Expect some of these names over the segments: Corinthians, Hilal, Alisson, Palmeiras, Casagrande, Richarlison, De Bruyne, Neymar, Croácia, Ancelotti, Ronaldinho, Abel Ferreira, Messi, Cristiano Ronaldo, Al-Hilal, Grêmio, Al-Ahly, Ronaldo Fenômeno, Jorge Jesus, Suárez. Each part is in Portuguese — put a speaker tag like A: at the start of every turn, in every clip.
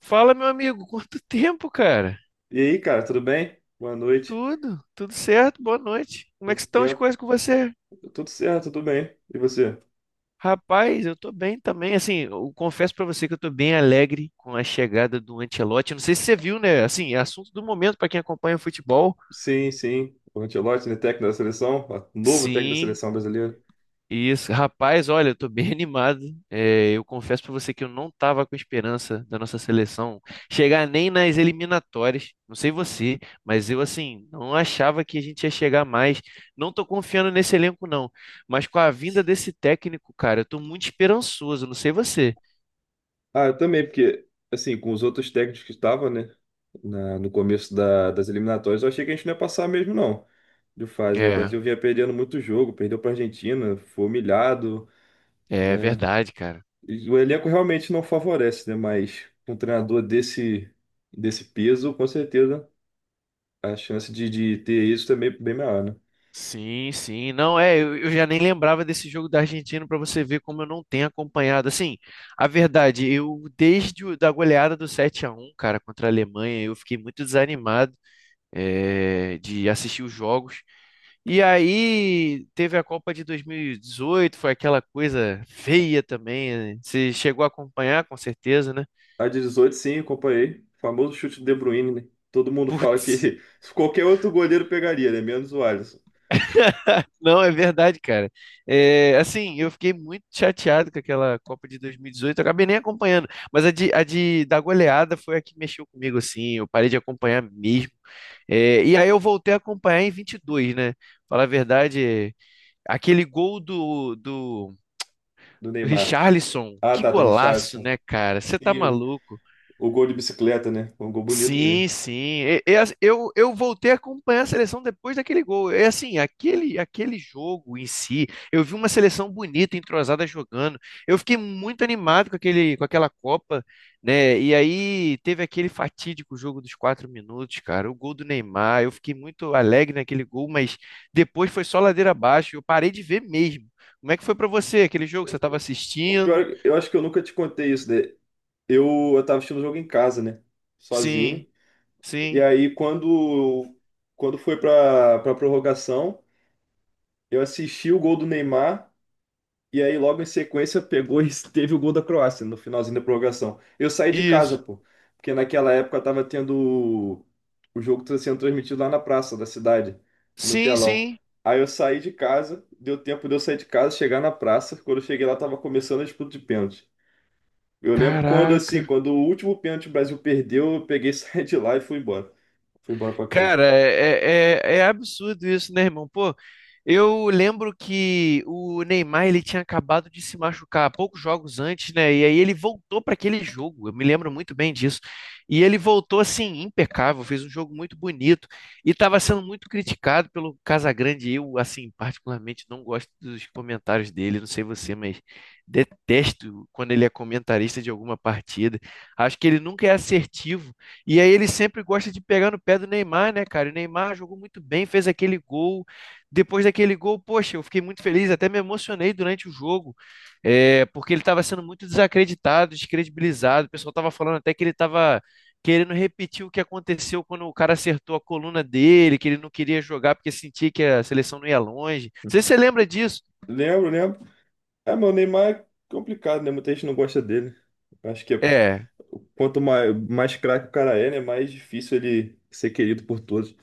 A: Fala, meu amigo, quanto tempo, cara?
B: E aí, cara, tudo bem? Boa noite.
A: Tudo certo, boa noite. Como é que
B: Quanto
A: estão as
B: tempo?
A: coisas com você?
B: Tudo certo, tudo bem. E você?
A: Rapaz, eu tô bem também. Assim, eu confesso pra você que eu tô bem alegre com a chegada do Ancelotti. Eu não sei se você viu, né? Assim, é assunto do momento pra quem acompanha futebol.
B: Sim, sim. O Ancelotti, né, técnico da seleção, ó, novo técnico da
A: Sim.
B: seleção brasileira.
A: Isso, rapaz, olha, eu tô bem animado. É, eu confesso pra você que eu não tava com esperança da nossa seleção chegar nem nas eliminatórias. Não sei você, mas eu, assim, não achava que a gente ia chegar mais. Não tô confiando nesse elenco, não, mas com a vinda desse técnico, cara, eu tô muito esperançoso, não sei você.
B: Ah, eu também, porque, assim, com os outros técnicos que estavam, né, no começo das eliminatórias, eu achei que a gente não ia passar mesmo, não, de fase, né? O
A: É,
B: Brasil vinha perdendo muito jogo, perdeu para a Argentina, foi humilhado,
A: é
B: né?
A: verdade, cara.
B: E o elenco realmente não favorece, né? Mas um treinador desse, desse peso, com certeza. A chance de ter isso também é bem maior, né?
A: Sim, sim. Não, é, eu já nem lembrava desse jogo da Argentina, para você ver como eu não tenho acompanhado. Assim, a verdade, eu desde o, da goleada do 7 a 1, cara, contra a Alemanha, eu fiquei muito desanimado, é, de assistir os jogos. E aí teve a Copa de 2018, foi aquela coisa feia também, né? Você chegou a acompanhar, com certeza, né?
B: A de 18, sim, acompanhei. O famoso chute do De Bruyne, né? Todo mundo fala
A: Putz.
B: que qualquer outro goleiro pegaria, né? Menos o Alisson,
A: Não, é verdade, cara. É, assim, eu fiquei muito chateado com aquela Copa de 2018. Eu acabei nem acompanhando, mas a de da goleada foi a que mexeu comigo, assim. Eu parei de acompanhar mesmo. É, e aí eu voltei a acompanhar em 22, né? Falar a verdade, aquele gol do, do
B: do Neymar.
A: Richarlison,
B: Ah,
A: que
B: tá, do
A: golaço,
B: Richarlison.
A: né, cara? Você tá
B: E o
A: maluco?
B: gol de bicicleta, né? Um gol bonito
A: Sim,
B: mesmo.
A: sim. Eu voltei a acompanhar a seleção depois daquele gol. É, assim, aquele jogo em si, eu vi uma seleção bonita, entrosada, jogando. Eu fiquei muito animado com aquele, com aquela Copa, né? E aí teve aquele fatídico jogo dos 4 minutos, cara. O gol do Neymar. Eu fiquei muito alegre naquele gol, mas depois foi só ladeira abaixo. Eu parei de ver mesmo. Como é que foi pra você aquele jogo? Que você estava
B: O pior
A: assistindo?
B: é que eu acho que eu nunca te contei isso, né? Eu tava assistindo o jogo em casa, né? Sozinho.
A: Sim,
B: E
A: sim.
B: aí, quando, quando foi pra, pra prorrogação, eu assisti o gol do Neymar. E aí, logo em sequência, pegou e teve o gol da Croácia no finalzinho da prorrogação. Eu saí de casa,
A: Isso.
B: pô, porque naquela época tava tendo o jogo tá sendo transmitido lá na praça da cidade, no
A: Sim,
B: telão.
A: sim.
B: Aí eu saí de casa, deu tempo de eu sair de casa, chegar na praça. Quando eu cheguei lá, tava começando a disputa de pênalti. Eu lembro quando, assim,
A: Caraca.
B: quando o último pênalti o Brasil perdeu, eu peguei, saí de lá e fui embora. Fui embora pra casa.
A: Cara, é, é, é absurdo isso, né, irmão? Pô, eu lembro que o Neymar, ele tinha acabado de se machucar poucos jogos antes, né? E aí ele voltou para aquele jogo. Eu me lembro muito bem disso. E ele voltou assim impecável, fez um jogo muito bonito e estava sendo muito criticado pelo Casagrande. Eu, assim, particularmente não gosto dos comentários dele. Não sei você, mas detesto quando ele é comentarista de alguma partida. Acho que ele nunca é assertivo e aí ele sempre gosta de pegar no pé do Neymar, né, cara? E o Neymar jogou muito bem, fez aquele gol. Depois daquele gol, poxa, eu fiquei muito feliz, até me emocionei durante o jogo, é, porque ele estava sendo muito desacreditado, descredibilizado. O pessoal estava falando até que ele estava querendo repetir o que aconteceu quando o cara acertou a coluna dele, que ele não queria jogar porque sentia que a seleção não ia longe. Não sei se você lembra disso.
B: Lembro, lembro. É, meu, o Neymar é complicado, né? Muita gente não gosta dele. Acho que é.
A: É,
B: Quanto mais, mais craque o cara é, né? Mais difícil ele ser querido por todos.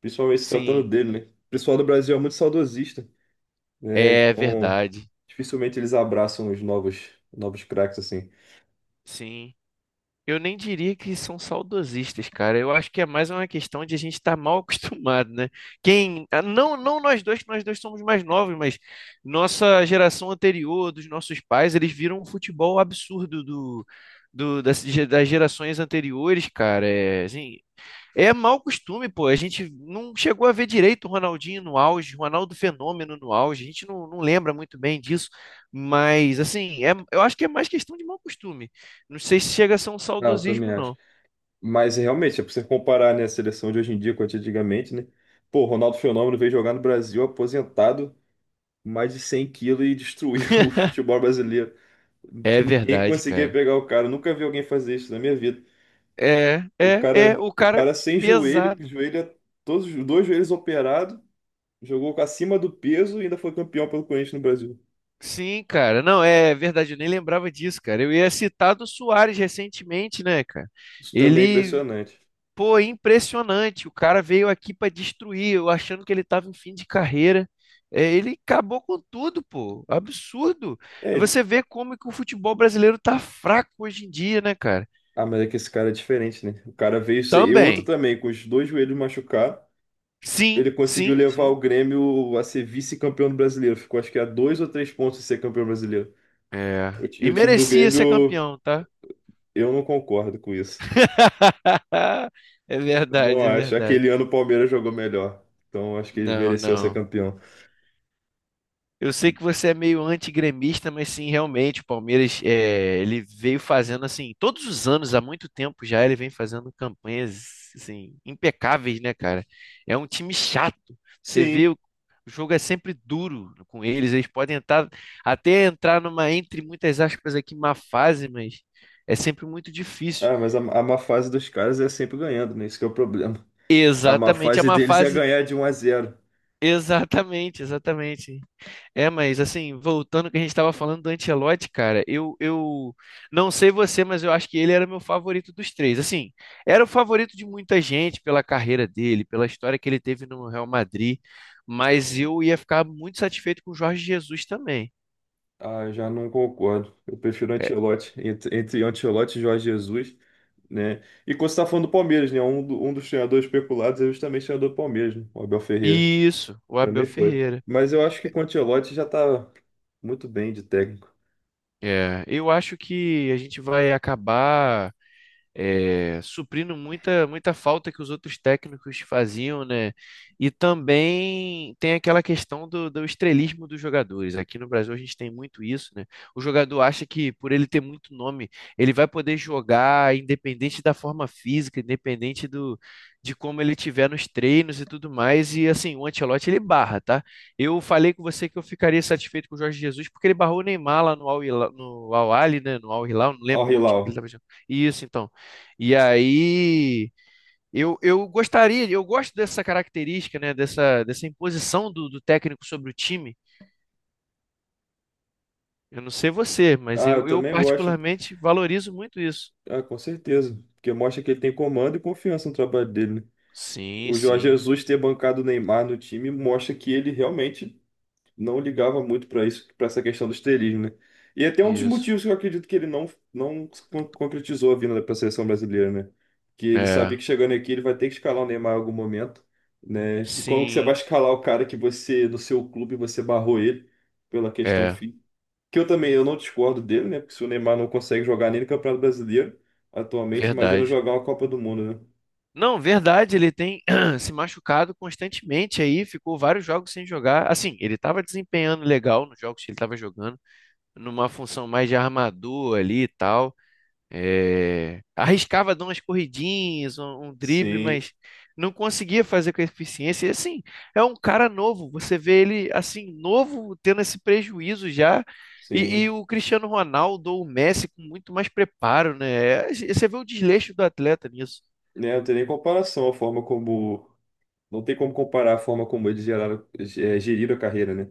B: Principalmente se tratando
A: sim,
B: dele, né? O pessoal do Brasil é muito saudosista, né?
A: é
B: Então,
A: verdade,
B: dificilmente eles abraçam os novos, novos craques assim.
A: sim. Eu nem diria que são saudosistas, cara. Eu acho que é mais uma questão de a gente estar mal acostumado, né? Quem, ah, não, não, nós dois, que nós dois somos mais novos, mas nossa geração anterior, dos nossos pais, eles viram um futebol absurdo do, do das, das gerações anteriores, cara. É, assim, é mau costume, pô. A gente não chegou a ver direito o Ronaldinho no auge, o Ronaldo Fenômeno no auge. A gente não lembra muito bem disso. Mas, assim, é, eu acho que é mais questão de mau costume. Não sei se chega a ser um
B: Ah, eu também
A: saudosismo,
B: acho.
A: não.
B: Mas realmente, é pra você comparar, né, a seleção de hoje em dia com a de antigamente, né? Pô, o Ronaldo Fenômeno veio jogar no Brasil aposentado, mais de 100 quilos e destruiu o futebol brasileiro. Não
A: É
B: tinha ninguém que
A: verdade,
B: conseguia
A: cara.
B: pegar o cara. Nunca vi alguém fazer isso na minha vida.
A: É, é, é. O
B: O
A: cara
B: cara sem joelho, com o
A: pesado.
B: joelho, todos os dois joelhos operados, jogou com acima do peso e ainda foi campeão pelo Corinthians no Brasil.
A: Sim, cara. Não, é verdade. Eu nem lembrava disso, cara. Eu ia citar do Suárez recentemente, né, cara?
B: Isso também é
A: Ele
B: impressionante.
A: pô, é impressionante. O cara veio aqui para destruir, eu achando que ele tava em fim de carreira. É, ele acabou com tudo, pô. Absurdo.
B: É ele.
A: Você vê como que o futebol brasileiro tá fraco hoje em dia, né, cara?
B: Ah, mas é que esse cara é diferente, né? O cara veio ser. E outro
A: Também.
B: também, com os dois joelhos machucados,
A: Sim,
B: ele conseguiu
A: sim,
B: levar
A: sim.
B: o Grêmio a ser vice-campeão do brasileiro. Ficou acho que a dois ou três pontos de ser campeão brasileiro.
A: É.
B: E
A: E
B: o time do
A: merecia ser
B: Grêmio,
A: campeão, tá?
B: eu não concordo com isso.
A: É
B: Não
A: verdade, é
B: acho.
A: verdade.
B: Aquele ano o Palmeiras jogou melhor. Então acho que ele
A: Não,
B: mereceu ser
A: não.
B: campeão.
A: Eu sei que você é meio antigremista, mas sim, realmente, o Palmeiras, é, ele veio fazendo assim, todos os anos, há muito tempo já, ele vem fazendo campanhas assim impecáveis, né, cara? É um time chato. Você vê,
B: Sim.
A: o jogo é sempre duro com eles, eles podem entrar, até entrar numa, entre muitas aspas aqui, má fase, mas é sempre muito difícil.
B: Ah, mas a má fase dos caras é sempre ganhando, né? Isso que é o problema. A má
A: Exatamente, é
B: fase
A: uma
B: deles é
A: fase,
B: ganhar de um a zero.
A: exatamente, exatamente. É, mas assim, voltando ao que a gente estava falando do Ancelotti, cara, eu não sei você, mas eu acho que ele era meu favorito dos três. Assim, era o favorito de muita gente pela carreira dele, pela história que ele teve no Real Madrid, mas eu ia ficar muito satisfeito com o Jorge Jesus também.
B: Ah, eu já não concordo. Eu prefiro
A: É,
B: Ancelotti. Entre, entre Ancelotti e Jorge Jesus, né? E quando você tá falando do Palmeiras, né? Um, um dos treinadores especulados é justamente o treinador do Palmeiras, né? O Abel Ferreira.
A: isso, o Abel
B: Também foi.
A: Ferreira.
B: Mas eu acho que com o Ancelotti já tá muito bem de técnico.
A: É, eu acho que a gente vai acabar, é, suprindo muita, muita falta que os outros técnicos faziam, né? E também tem aquela questão do, do estrelismo dos jogadores. Aqui no Brasil a gente tem muito isso, né? O jogador acha que por ele ter muito nome, ele vai poder jogar independente da forma física, independente do, de como ele tiver nos treinos e tudo mais. E assim, o Ancelotti, ele barra, tá? Eu falei com você que eu ficaria satisfeito com o Jorge Jesus porque ele barrou o Neymar lá no Al-Hilal, no Al-Ahly, né? No Al-Hilal, não
B: Ó, o
A: lembro qual time
B: Hilal.
A: que ele estava jogando. Isso, então. E aí eu gostaria, eu gosto dessa característica, né? Dessa, dessa imposição do, do técnico sobre o time. Eu não sei você, mas
B: Ah, eu
A: eu
B: também gosto.
A: particularmente valorizo muito isso.
B: Ah, com certeza. Porque mostra que ele tem comando e confiança no trabalho dele, né?
A: Sim,
B: O Jorge
A: sim,
B: Jesus ter bancado o Neymar no time mostra que ele realmente não ligava muito para isso, para essa questão do estrelismo, né? E é até um dos
A: isso.
B: motivos que eu acredito que ele não, concretizou a vinda para a seleção brasileira, né? Que ele
A: É,
B: sabia que chegando aqui ele vai ter que escalar o Neymar em algum momento, né? E como que você vai
A: sim,
B: escalar o cara que você, no seu clube, você barrou ele pela questão
A: é,
B: fim? Que eu também eu não discordo dele, né? Porque se o Neymar não consegue jogar nem no Campeonato Brasileiro atualmente, imagina
A: verdade.
B: jogar uma Copa do Mundo, né?
A: Não, verdade, ele tem se machucado constantemente aí, ficou vários jogos sem jogar. Assim, ele estava desempenhando legal nos jogos que ele estava jogando, numa função mais de armador ali e tal. É, arriscava dar umas corridinhas, um drible,
B: Sim,
A: mas não conseguia fazer com eficiência. E assim, é um cara novo. Você vê ele assim, novo, tendo esse prejuízo já. E
B: sim.
A: o Cristiano Ronaldo ou o Messi com muito mais preparo, né? É, você vê o desleixo do atleta nisso.
B: Né, não tem nem comparação a forma como. Não tem como comparar a forma como eles geraram, geriram a carreira, né?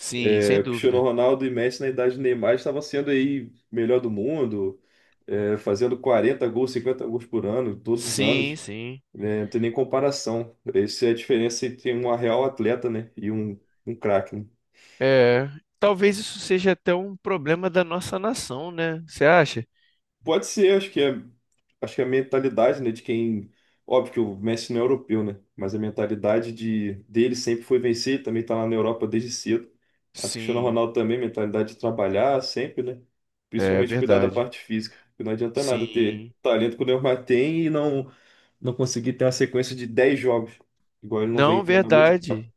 A: Sim, sem
B: O Cristiano
A: dúvida.
B: Ronaldo e Messi, na idade do Neymar, estavam sendo aí melhor do mundo, fazendo 40 gols, 50 gols por ano, todos os
A: Sim,
B: anos.
A: sim.
B: Né? Não tem nem comparação. Essa é a diferença entre um real atleta, né, e um craque, né?
A: É, talvez isso seja até um problema da nossa nação, né? Você acha?
B: Pode ser, acho que é a mentalidade, né, de quem, óbvio que o Messi não é europeu, né, mas a mentalidade de dele sempre foi vencer, ele também tá lá na Europa desde cedo. A do Cristiano
A: Sim,
B: Ronaldo também, mentalidade de trabalhar sempre, né?
A: é
B: Principalmente cuidar da
A: verdade.
B: parte física, porque não adianta nada ter
A: Sim.
B: talento que o Neymar tem e não conseguir ter uma sequência de 10 jogos, igual ele não
A: Não,
B: vem tendo há muito tempo.
A: verdade.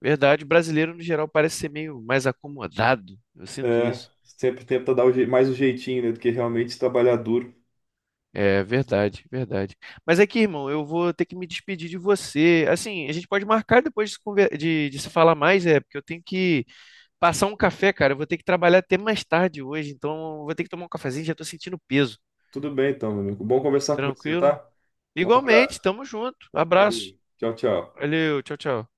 A: Verdade, brasileiro no geral parece ser meio mais acomodado. Eu sinto
B: É,
A: isso.
B: sempre tenta dar mais um jeitinho, né, do que realmente trabalhar duro.
A: É verdade, verdade. Mas é que, irmão, eu vou ter que me despedir de você. Assim, a gente pode marcar depois de, de se falar mais, é, porque eu tenho que passar um café, cara. Eu vou ter que trabalhar até mais tarde hoje, então eu vou ter que tomar um cafezinho, já tô sentindo peso.
B: Tudo bem então, meu amigo. Bom conversar com você,
A: Tranquilo?
B: tá? Um
A: Igualmente,
B: abraço.
A: tamo junto.
B: Valeu.
A: Abraço.
B: Tchau, tchau.
A: Valeu, tchau, tchau.